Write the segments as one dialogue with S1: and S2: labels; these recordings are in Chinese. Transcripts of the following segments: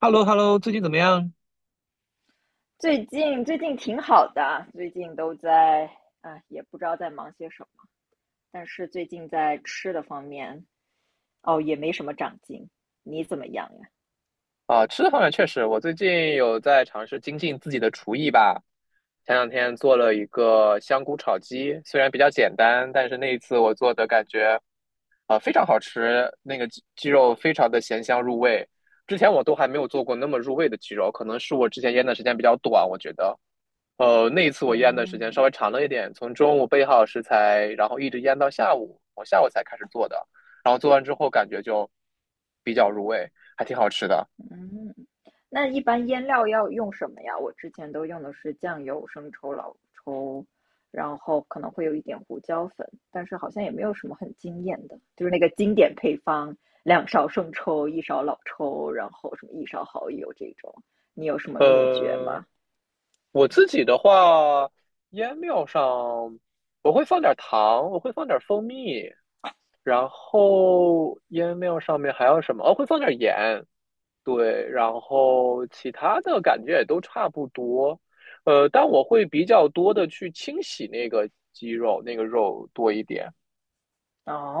S1: h e l l o h e l l o 最近怎么样？
S2: 最近挺好的，最近都在也不知道在忙些什么，但是最近在吃的方面，哦，也没什么长进。你怎么样呀？
S1: 啊，吃的方面确实，我最近有在尝试精进自己的厨艺吧。前两天做了一个香菇炒鸡，虽然比较简单，但是那一次我做的感觉非常好吃，那个鸡肉非常的咸香入味。之前我都还没有做过那么入味的鸡肉，可能是我之前腌的时间比较短，我觉得。那一次我腌的时间稍
S2: 嗯。
S1: 微长了一点，从中午备好食材，然后一直腌到下午，我下午才开始做的。然后做完之后感觉就比较入味，还挺好吃的。
S2: 嗯，那一般腌料要用什么呀？我之前都用的是酱油、生抽、老抽，然后可能会有一点胡椒粉，但是好像也没有什么很惊艳的，就是那个经典配方，两勺生抽，一勺老抽，然后什么一勺蚝油这种。你有什么秘诀
S1: 呃，
S2: 吗？
S1: 我自己的话，腌料上我会放点糖，我会放点蜂蜜，然后腌料上面还有什么？哦，会放点盐，对，然后其他的感觉也都差不多，但我会比较多的去清洗那个鸡肉，那个肉多一点，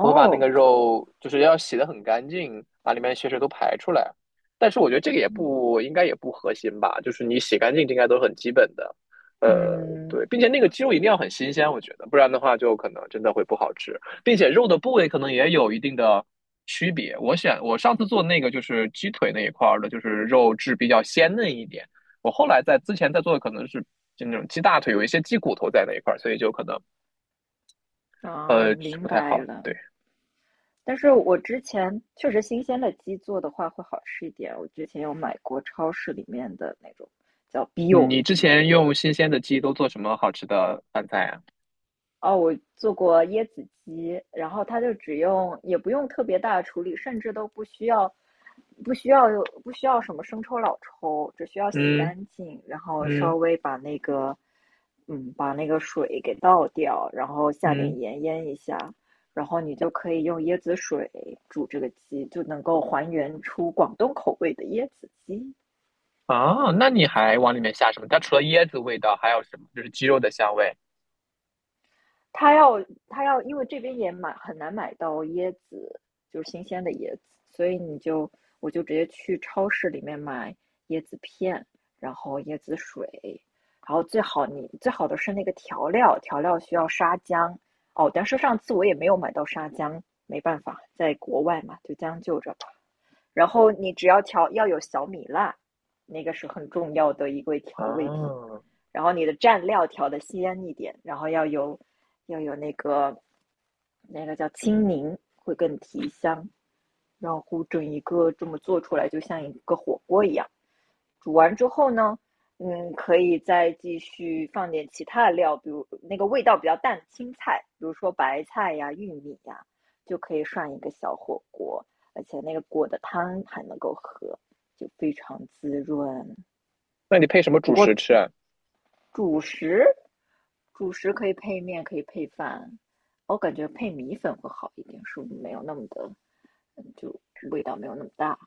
S1: 我会把那个肉就是要洗得很干净，把里面的血水都排出来。但是我觉得这个也不应该也不核心吧，就是你洗干净这应该都是很基本的。呃，
S2: 嗯。
S1: 对，并且那个鸡肉一定要很新鲜，我觉得，不然的话就可能真的会不好吃，并且肉的部位可能也有一定的区别。我选我上次做那个就是鸡腿那一块儿的，就是肉质比较鲜嫩一点。我后来在之前在做的可能是就那种鸡大腿，有一些鸡骨头在那一块儿，所以就可能呃
S2: 啊，明
S1: 不太
S2: 白
S1: 好。
S2: 了。
S1: 对。
S2: 但是我之前确实新鲜的鸡做的话会好吃一点。我之前有买过超市里面的那种叫 b 有
S1: 嗯
S2: o
S1: 你之
S2: 鸡。
S1: 前用新鲜的鸡都做什么好吃的饭菜啊？
S2: 哦，我做过椰子鸡，然后它就只用，也不用特别大的处理，甚至都不需要，不需要不需要什么生抽、老抽，只需要洗
S1: 嗯
S2: 干净，然后稍
S1: 嗯
S2: 微把那个，嗯，把那个水给倒掉，然后下
S1: 嗯，
S2: 点盐腌一下，然后你就可以用椰子水煮这个鸡，就能够还原出广东口味的椰子鸡。
S1: 啊，那你还往里面下什么？它除了椰子味道，还有什么？就是鸡肉的香味。
S2: 他要他要，因为这边也买很难买到椰子，就是新鲜的椰子，所以我就直接去超市里面买椰子片，然后椰子水，然后最好的是那个调料，调料需要沙姜。哦，但是上次我也没有买到沙姜，没办法，在国外嘛，就将就着吧。然后你只要调要有小米辣，那个是很重要的一个调味品。
S1: 啊，
S2: 然后你的蘸料调的鲜一点，然后要有那个叫青柠，会更提香。然后整一个这么做出来，就像一个火锅一样。煮完之后呢，嗯，可以再继续放点其他的料，比如那个味道比较淡的青菜，比如说白菜呀、玉米呀，就可以涮一个小火锅。而且那个果的汤还能够喝，就非常滋润。
S1: 那你配什么
S2: 不
S1: 主食
S2: 过
S1: 吃啊？
S2: 主食，主食可以配面，可以配饭，我感觉配米粉会好一点，是没有那么的，就味道没有那么大。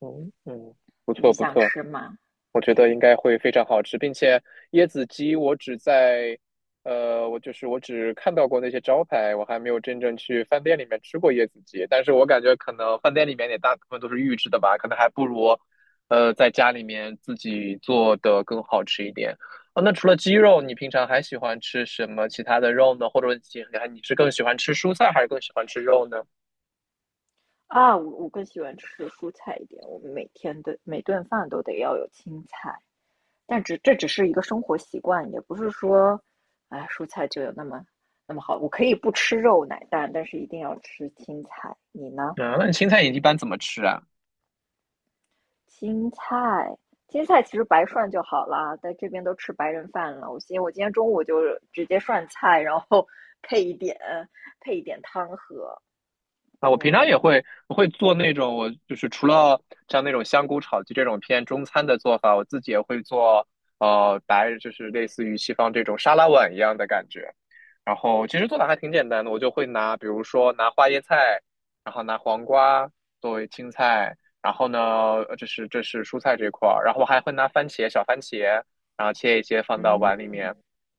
S1: 嗯嗯，不错
S2: 你
S1: 不
S2: 想
S1: 错。
S2: 吃吗？
S1: 我觉
S2: 嘿
S1: 得应
S2: 嘿。
S1: 该会非常好吃，并且椰子鸡我只在，呃，我就是我只看到过那些招牌，我还没有真正去饭店里面吃过椰子鸡。但是我感觉可能饭店里面也大部分都是预制的吧，可能还不如，在家里面自己做的更好吃一点。哦，那除了鸡肉，你平常还喜欢吃什么其他的肉呢？或者你是更喜欢吃蔬菜，还是更喜欢吃肉呢？
S2: 啊，我更喜欢吃蔬菜一点，我们每天的每顿饭都得要有青菜，但这只是一个生活习惯，也不是说，哎，蔬菜就有那么那么好。我可以不吃肉奶蛋，但是一定要吃青菜。你呢？
S1: 嗯，那你青菜你一般怎么吃啊？
S2: 青菜，青菜其实白涮就好啦，在这边都吃白人饭了。我今天中午就直接涮菜，然后配一点配一点汤喝。
S1: 啊，我平常也
S2: 嗯。
S1: 会我会做那种，我就是除了像那种香菇炒鸡这种偏中餐的做法，我自己也会做，就是类似于西方这种沙拉碗一样的感觉。然后其实做法还挺简单的，我就会拿，比如说拿花椰菜，然后拿黄瓜作为青菜，然后呢，这是蔬菜这块儿，然后我还会拿番茄小番茄，然后切一切放到
S2: 嗯，
S1: 碗里面，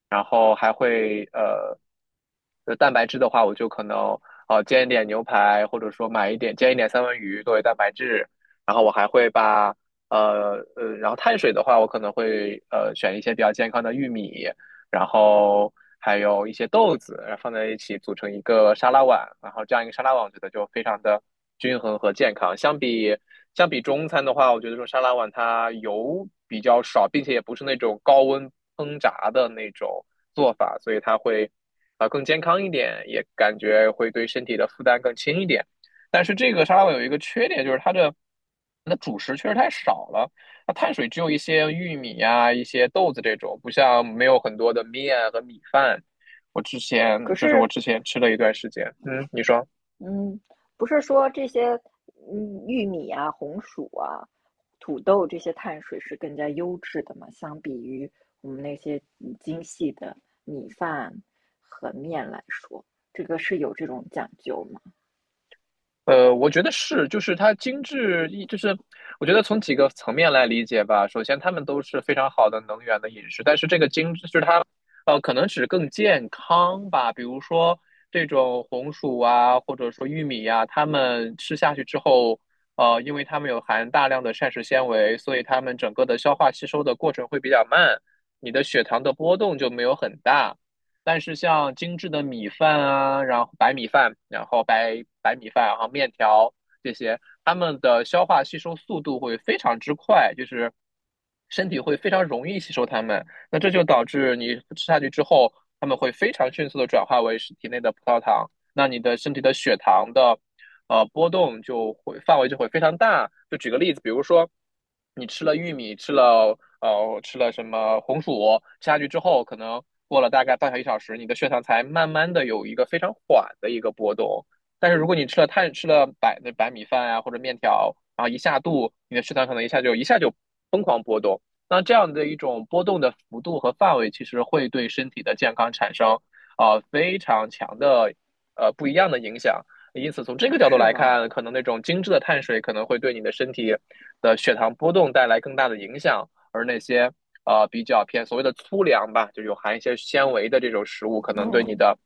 S1: 然后还会就蛋白质的话，我就可能煎一点牛排，或者说买一点煎一点三文鱼作为蛋白质。然后我还会把呃呃，然后碳水的话，我可能会选一些比较健康的玉米，然后还有一些豆子，然后放在一起组成一个沙拉碗，然后这样一个沙拉碗，我觉得就非常的均衡和健康。相比中餐的话，我觉得这种沙拉碗它油比较少，并且也不是那种高温烹炸的那种做法，所以它会更健康一点，也感觉会对身体的负担更轻一点。但是这个沙拉碗有一个缺点，就是它的主食确实太少了，那碳水只有一些玉米呀、一些豆子这种，不像没有很多的面和米饭。我之前
S2: 可
S1: 就是我
S2: 是，
S1: 之前吃了一段时间，嗯，你说？
S2: 嗯，不是说这些，嗯，玉米啊、红薯啊、土豆这些碳水是更加优质的嘛？相比于我们那些嗯精细的米饭和面来说，这个是有这种讲究吗？
S1: 我觉得是，就是它精致一，就是我觉得从几个层面来理解吧。首先，它们都是非常好的能源的饮食，但是这个精致就是它，可能只更健康吧。比如说这种红薯啊，或者说玉米呀、它们吃下去之后，因为它们有含大量的膳食纤维，所以它们整个的消化吸收的过程会比较慢，你的血糖的波动就没有很大。但是像精致的米饭啊，然后白米饭，然后白米饭，然后面条这些，它们的消化吸收速度会非常之快，就是身体会非常容易吸收它们。那这就导致你吃下去之后，它们会非常迅速的转化为体内的葡萄糖，那你的身体的血糖的波动就会范围就会非常大。就举个例子，比如说你吃了玉米，吃了什么红薯吃下去之后，可能过了大概半小时一小时，你的血糖才慢慢的有一个非常缓的一个波动。但是如果你吃了白米饭啊或者面条，然后一下肚，你的血糖可能一下就疯狂波动。那这样的一种波动的幅度和范围，其实会对身体的健康产生非常强的不一样的影响。因此，从这个角度
S2: 是
S1: 来
S2: 吗？
S1: 看，可能那种精致的碳水可能会对你的身体的血糖波动带来更大的影响。而那些比较偏所谓的粗粮吧，就有含一些纤维的这种食物，可能对你
S2: 嗯。
S1: 的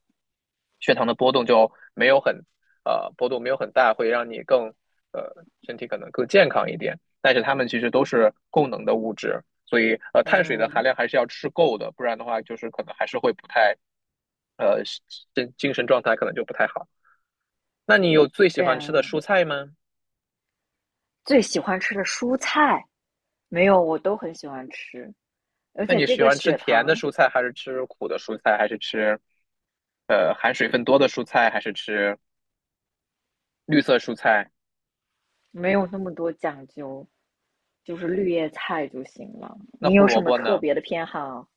S1: 血糖的波动就没有很呃波动没有很大，会让你呃身体可能更健康一点。但是它们其实都是供能的物质，所以碳水的含
S2: 嗯。
S1: 量还是要吃够的，不然的话就是可能还是会不太呃精神状态可能就不太好。那你有最喜
S2: 这
S1: 欢吃的蔬
S2: 样
S1: 菜吗？
S2: 最喜欢吃的蔬菜没有，我都很喜欢吃，而
S1: 那
S2: 且
S1: 你
S2: 这
S1: 喜
S2: 个
S1: 欢吃
S2: 血
S1: 甜的
S2: 糖
S1: 蔬菜，还是吃苦的蔬菜，还是吃含水分多的蔬菜，还是吃绿色蔬菜？
S2: 没有那么多讲究，就是绿叶菜就行了。
S1: 那
S2: 你
S1: 胡
S2: 有
S1: 萝
S2: 什么
S1: 卜
S2: 特
S1: 呢？
S2: 别的偏好？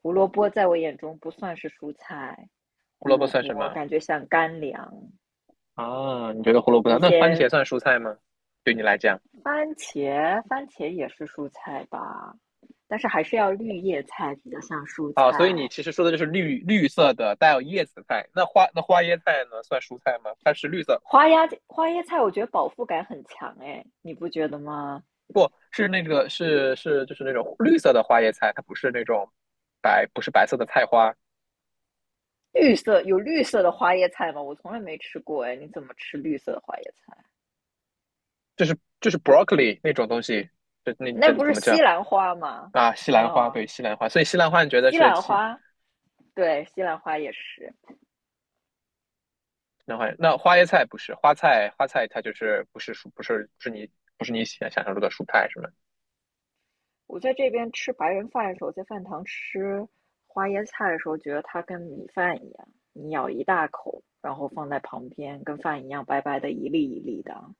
S2: 胡萝卜在我眼中不算是蔬菜，
S1: 胡
S2: 胡
S1: 萝卜
S2: 萝
S1: 算什
S2: 卜
S1: 么
S2: 感觉像干粮。
S1: 啊？你觉得胡萝卜
S2: 一
S1: 算那番茄
S2: 些
S1: 算蔬菜吗？对你来讲，
S2: 番茄，番茄也是蔬菜吧，但是还是要绿叶菜比较像蔬
S1: 啊，所以你
S2: 菜。
S1: 其实说的就是绿色的带有叶子的菜。那花椰菜呢，算蔬菜吗？它是绿色，
S2: 花椰菜，我觉得饱腹感很强哎，你不觉得吗？
S1: 不是那个就是那种绿色的花椰菜，它不是那种白不是白色的菜花，
S2: 绿色有绿色的花椰菜吗？我从来没吃过哎，你怎么吃绿色的花椰菜？
S1: 就是 broccoli 那种东西，你
S2: 那
S1: 怎
S2: 不
S1: 怎
S2: 是
S1: 么
S2: 西
S1: 叫？
S2: 兰花吗？
S1: 啊，西兰花，
S2: 哦，
S1: 对，西兰花，所以西兰花你觉得
S2: 西
S1: 是
S2: 兰
S1: 西
S2: 花，对，西兰花也是。
S1: 兰花？那花椰菜不是花菜，花菜它就是不是你想象中的蔬菜是吗？
S2: 我在这边吃白人饭的时候，在饭堂吃花椰菜的时候，觉得它跟米饭一样，你咬一大口，然后放在旁边，跟饭一样白白的一粒一粒的，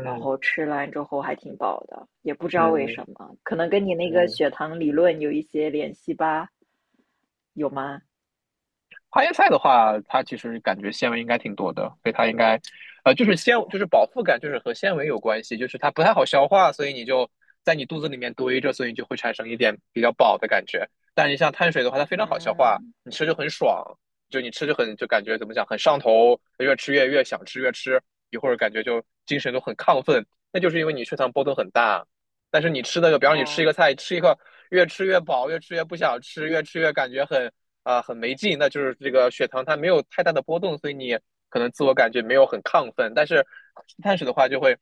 S2: 然后吃完之后还挺饱的，也不知道为
S1: 嗯
S2: 什么，可能跟你那个
S1: 嗯，
S2: 血糖理论有一些联系吧？有吗？
S1: 花椰菜的话，它其实感觉纤维应该挺多的，所以它应该，就是纤，就是饱腹感，就是和纤维有关系，就是它不太好消化，所以你就在你肚子里面堆着，所以你就会产生一点比较饱的感觉。但你像碳水的话，它非常好消化，
S2: 嗯。
S1: 你吃就很爽，就你吃就很就感觉怎么讲，很上头，越吃越想吃越吃，一会儿感觉就精神都很亢奋，那就是因为你血糖波动很大。但是你吃的，个，比方说你吃一
S2: 哦。
S1: 个菜，吃一个越吃越饱，越吃越不想吃，越吃越感觉很很没劲，那就是这个血糖它没有太大的波动，所以你可能自我感觉没有很亢奋。但是碳水的话就会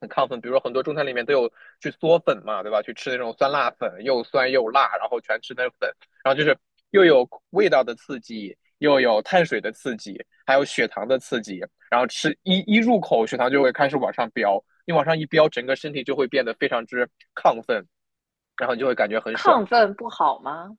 S1: 很亢奋，比如说很多中餐里面都有去嗦粉嘛，对吧？去吃那种酸辣粉，又酸又辣，然后全吃那粉，然后就是又有味道的刺激，又有碳水的刺激，还有血糖的刺激，然后吃一入口，血糖就会开始往上飙，你往上一飙，整个身体就会变得非常之亢奋，然后你就会感觉很爽。
S2: 亢奋不好吗？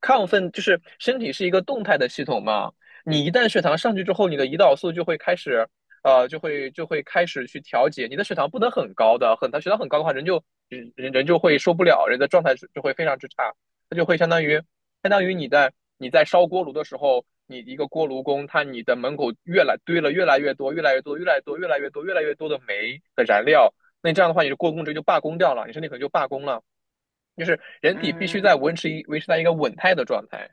S1: 亢奋就是身体是一个动态的系统嘛，你一旦血糖上去之后，你的胰岛素就会开始，就会开始去调节，你的血糖不能很高的，很血糖很高的话，人就会受不了，人的状态就会非常之差，它就会相当于你在烧锅炉的时候，你一个锅炉工，他你的门口越来堆了越来越多、越来越多、越来越多、越来越多、越来越多的煤的燃料，那这样的话，你的锅工直接就罢工掉了，你身体可能就罢工了。就是人体必须在
S2: 嗯。
S1: 维持在一个稳态的状态。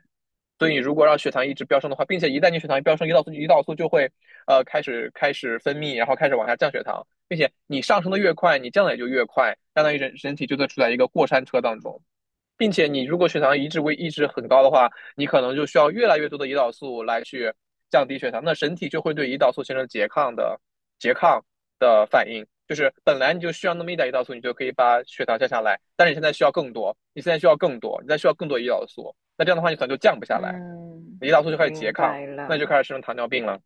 S1: 所以你如果让血糖一直飙升的话，并且一旦你血糖飙升，胰岛素就会开始分泌，然后开始往下降血糖，并且你上升的越快，你降的也就越快，相当于人体就在处在一个过山车当中。并且你如果血糖一直会一直很高的话，你可能就需要越来越多的胰岛素来去降低血糖，那身体就会对胰岛素形成拮抗的反应，就是本来你就需要那么一点胰岛素，你就可以把血糖降下来，但是你现在需要更多，你现在需要更多，你再需要更多胰岛素，那这样的话你可能就降不下来，
S2: 嗯，
S1: 胰岛素就开始拮
S2: 明
S1: 抗，
S2: 白
S1: 那你就
S2: 了。
S1: 开始生成糖尿病了。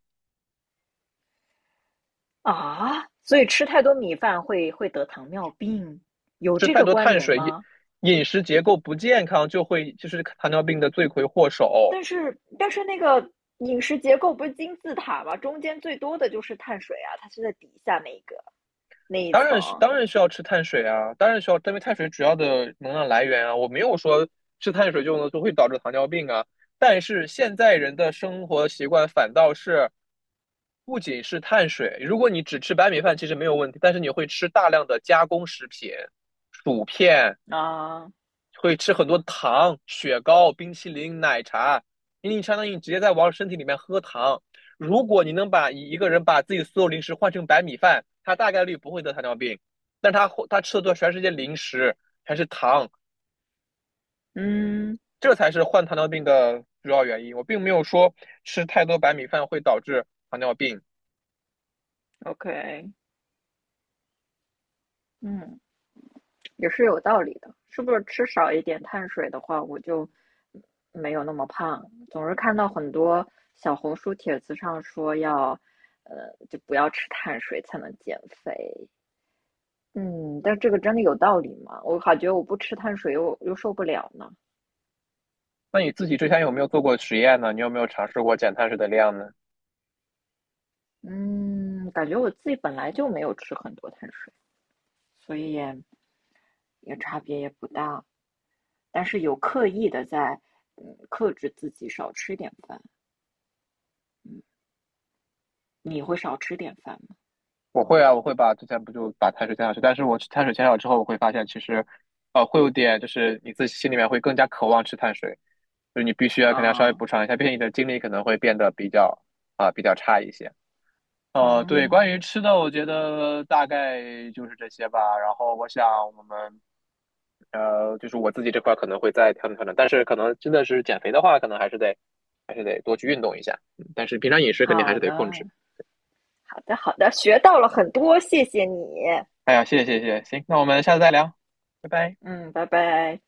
S2: 啊，所以吃太多米饭会得糖尿病，有
S1: 吃
S2: 这
S1: 太
S2: 个
S1: 多
S2: 关
S1: 碳
S2: 联
S1: 水，饮
S2: 吗？
S1: 饮食结构不健康就会就是糖尿病的罪魁祸首。
S2: 但是那个饮食结构不是金字塔吗？中间最多的就是碳水啊，它是在底下那一个那一
S1: 当然是
S2: 层。
S1: 当然需要吃碳水啊，当然需要，因为碳水主要的能量来源啊，我没有说吃碳水就能就会导致糖尿病啊。但是现在人的生活习惯反倒是不仅是碳水，如果你只吃白米饭其实没有问题，但是你会吃大量的加工食品、薯片，
S2: 啊。
S1: 会吃很多糖、雪糕、冰淇淋、奶茶，因为你相当于直接在往身体里面喝糖。如果你能把一个人把自己所有零食换成白米饭，他大概率不会得糖尿病，但他吃的都全是些零食，全是糖，
S2: 嗯
S1: 这才是患糖尿病的主要原因。我并没有说吃太多白米饭会导致糖尿病。
S2: ，OK。嗯，也是有道理的，是不是吃少一点碳水的话，我就没有那么胖？总是看到很多小红书帖子上说要，就不要吃碳水才能减肥。嗯，但这个真的有道理吗？我感觉我不吃碳水又受不了呢。
S1: 那你自己之前有没有做过实验呢？你有没有尝试过减碳水的量呢？
S2: 嗯，感觉我自己本来就没有吃很多碳水，所以也也差别也不大。但是有刻意的在，嗯，克制自己少吃点饭。嗯，你会少吃点饭吗？
S1: 我会啊，我会把之前不就把碳水减少去，但是我吃碳水减少之后，我会发现其实，会有点就是你自己心里面会更加渴望吃碳水，就是你必须要肯定要稍微
S2: 啊。
S1: 补偿一下，毕竟你的精力可能会变得比较比较差一些。对，关于
S2: 嗯。
S1: 吃的，我觉得大概就是这些吧。然后我想我们就是我自己这块可能会再调整调整，但是可能真的是减肥的话，可能还是得还是得多去运动一下，嗯但是平常饮食肯定还
S2: 好
S1: 是得控
S2: 呢，
S1: 制。
S2: 好的好的，学到了很多，谢谢你。
S1: 哎呀，谢谢谢谢，行，那我们下次再聊，拜拜。
S2: 嗯，拜拜。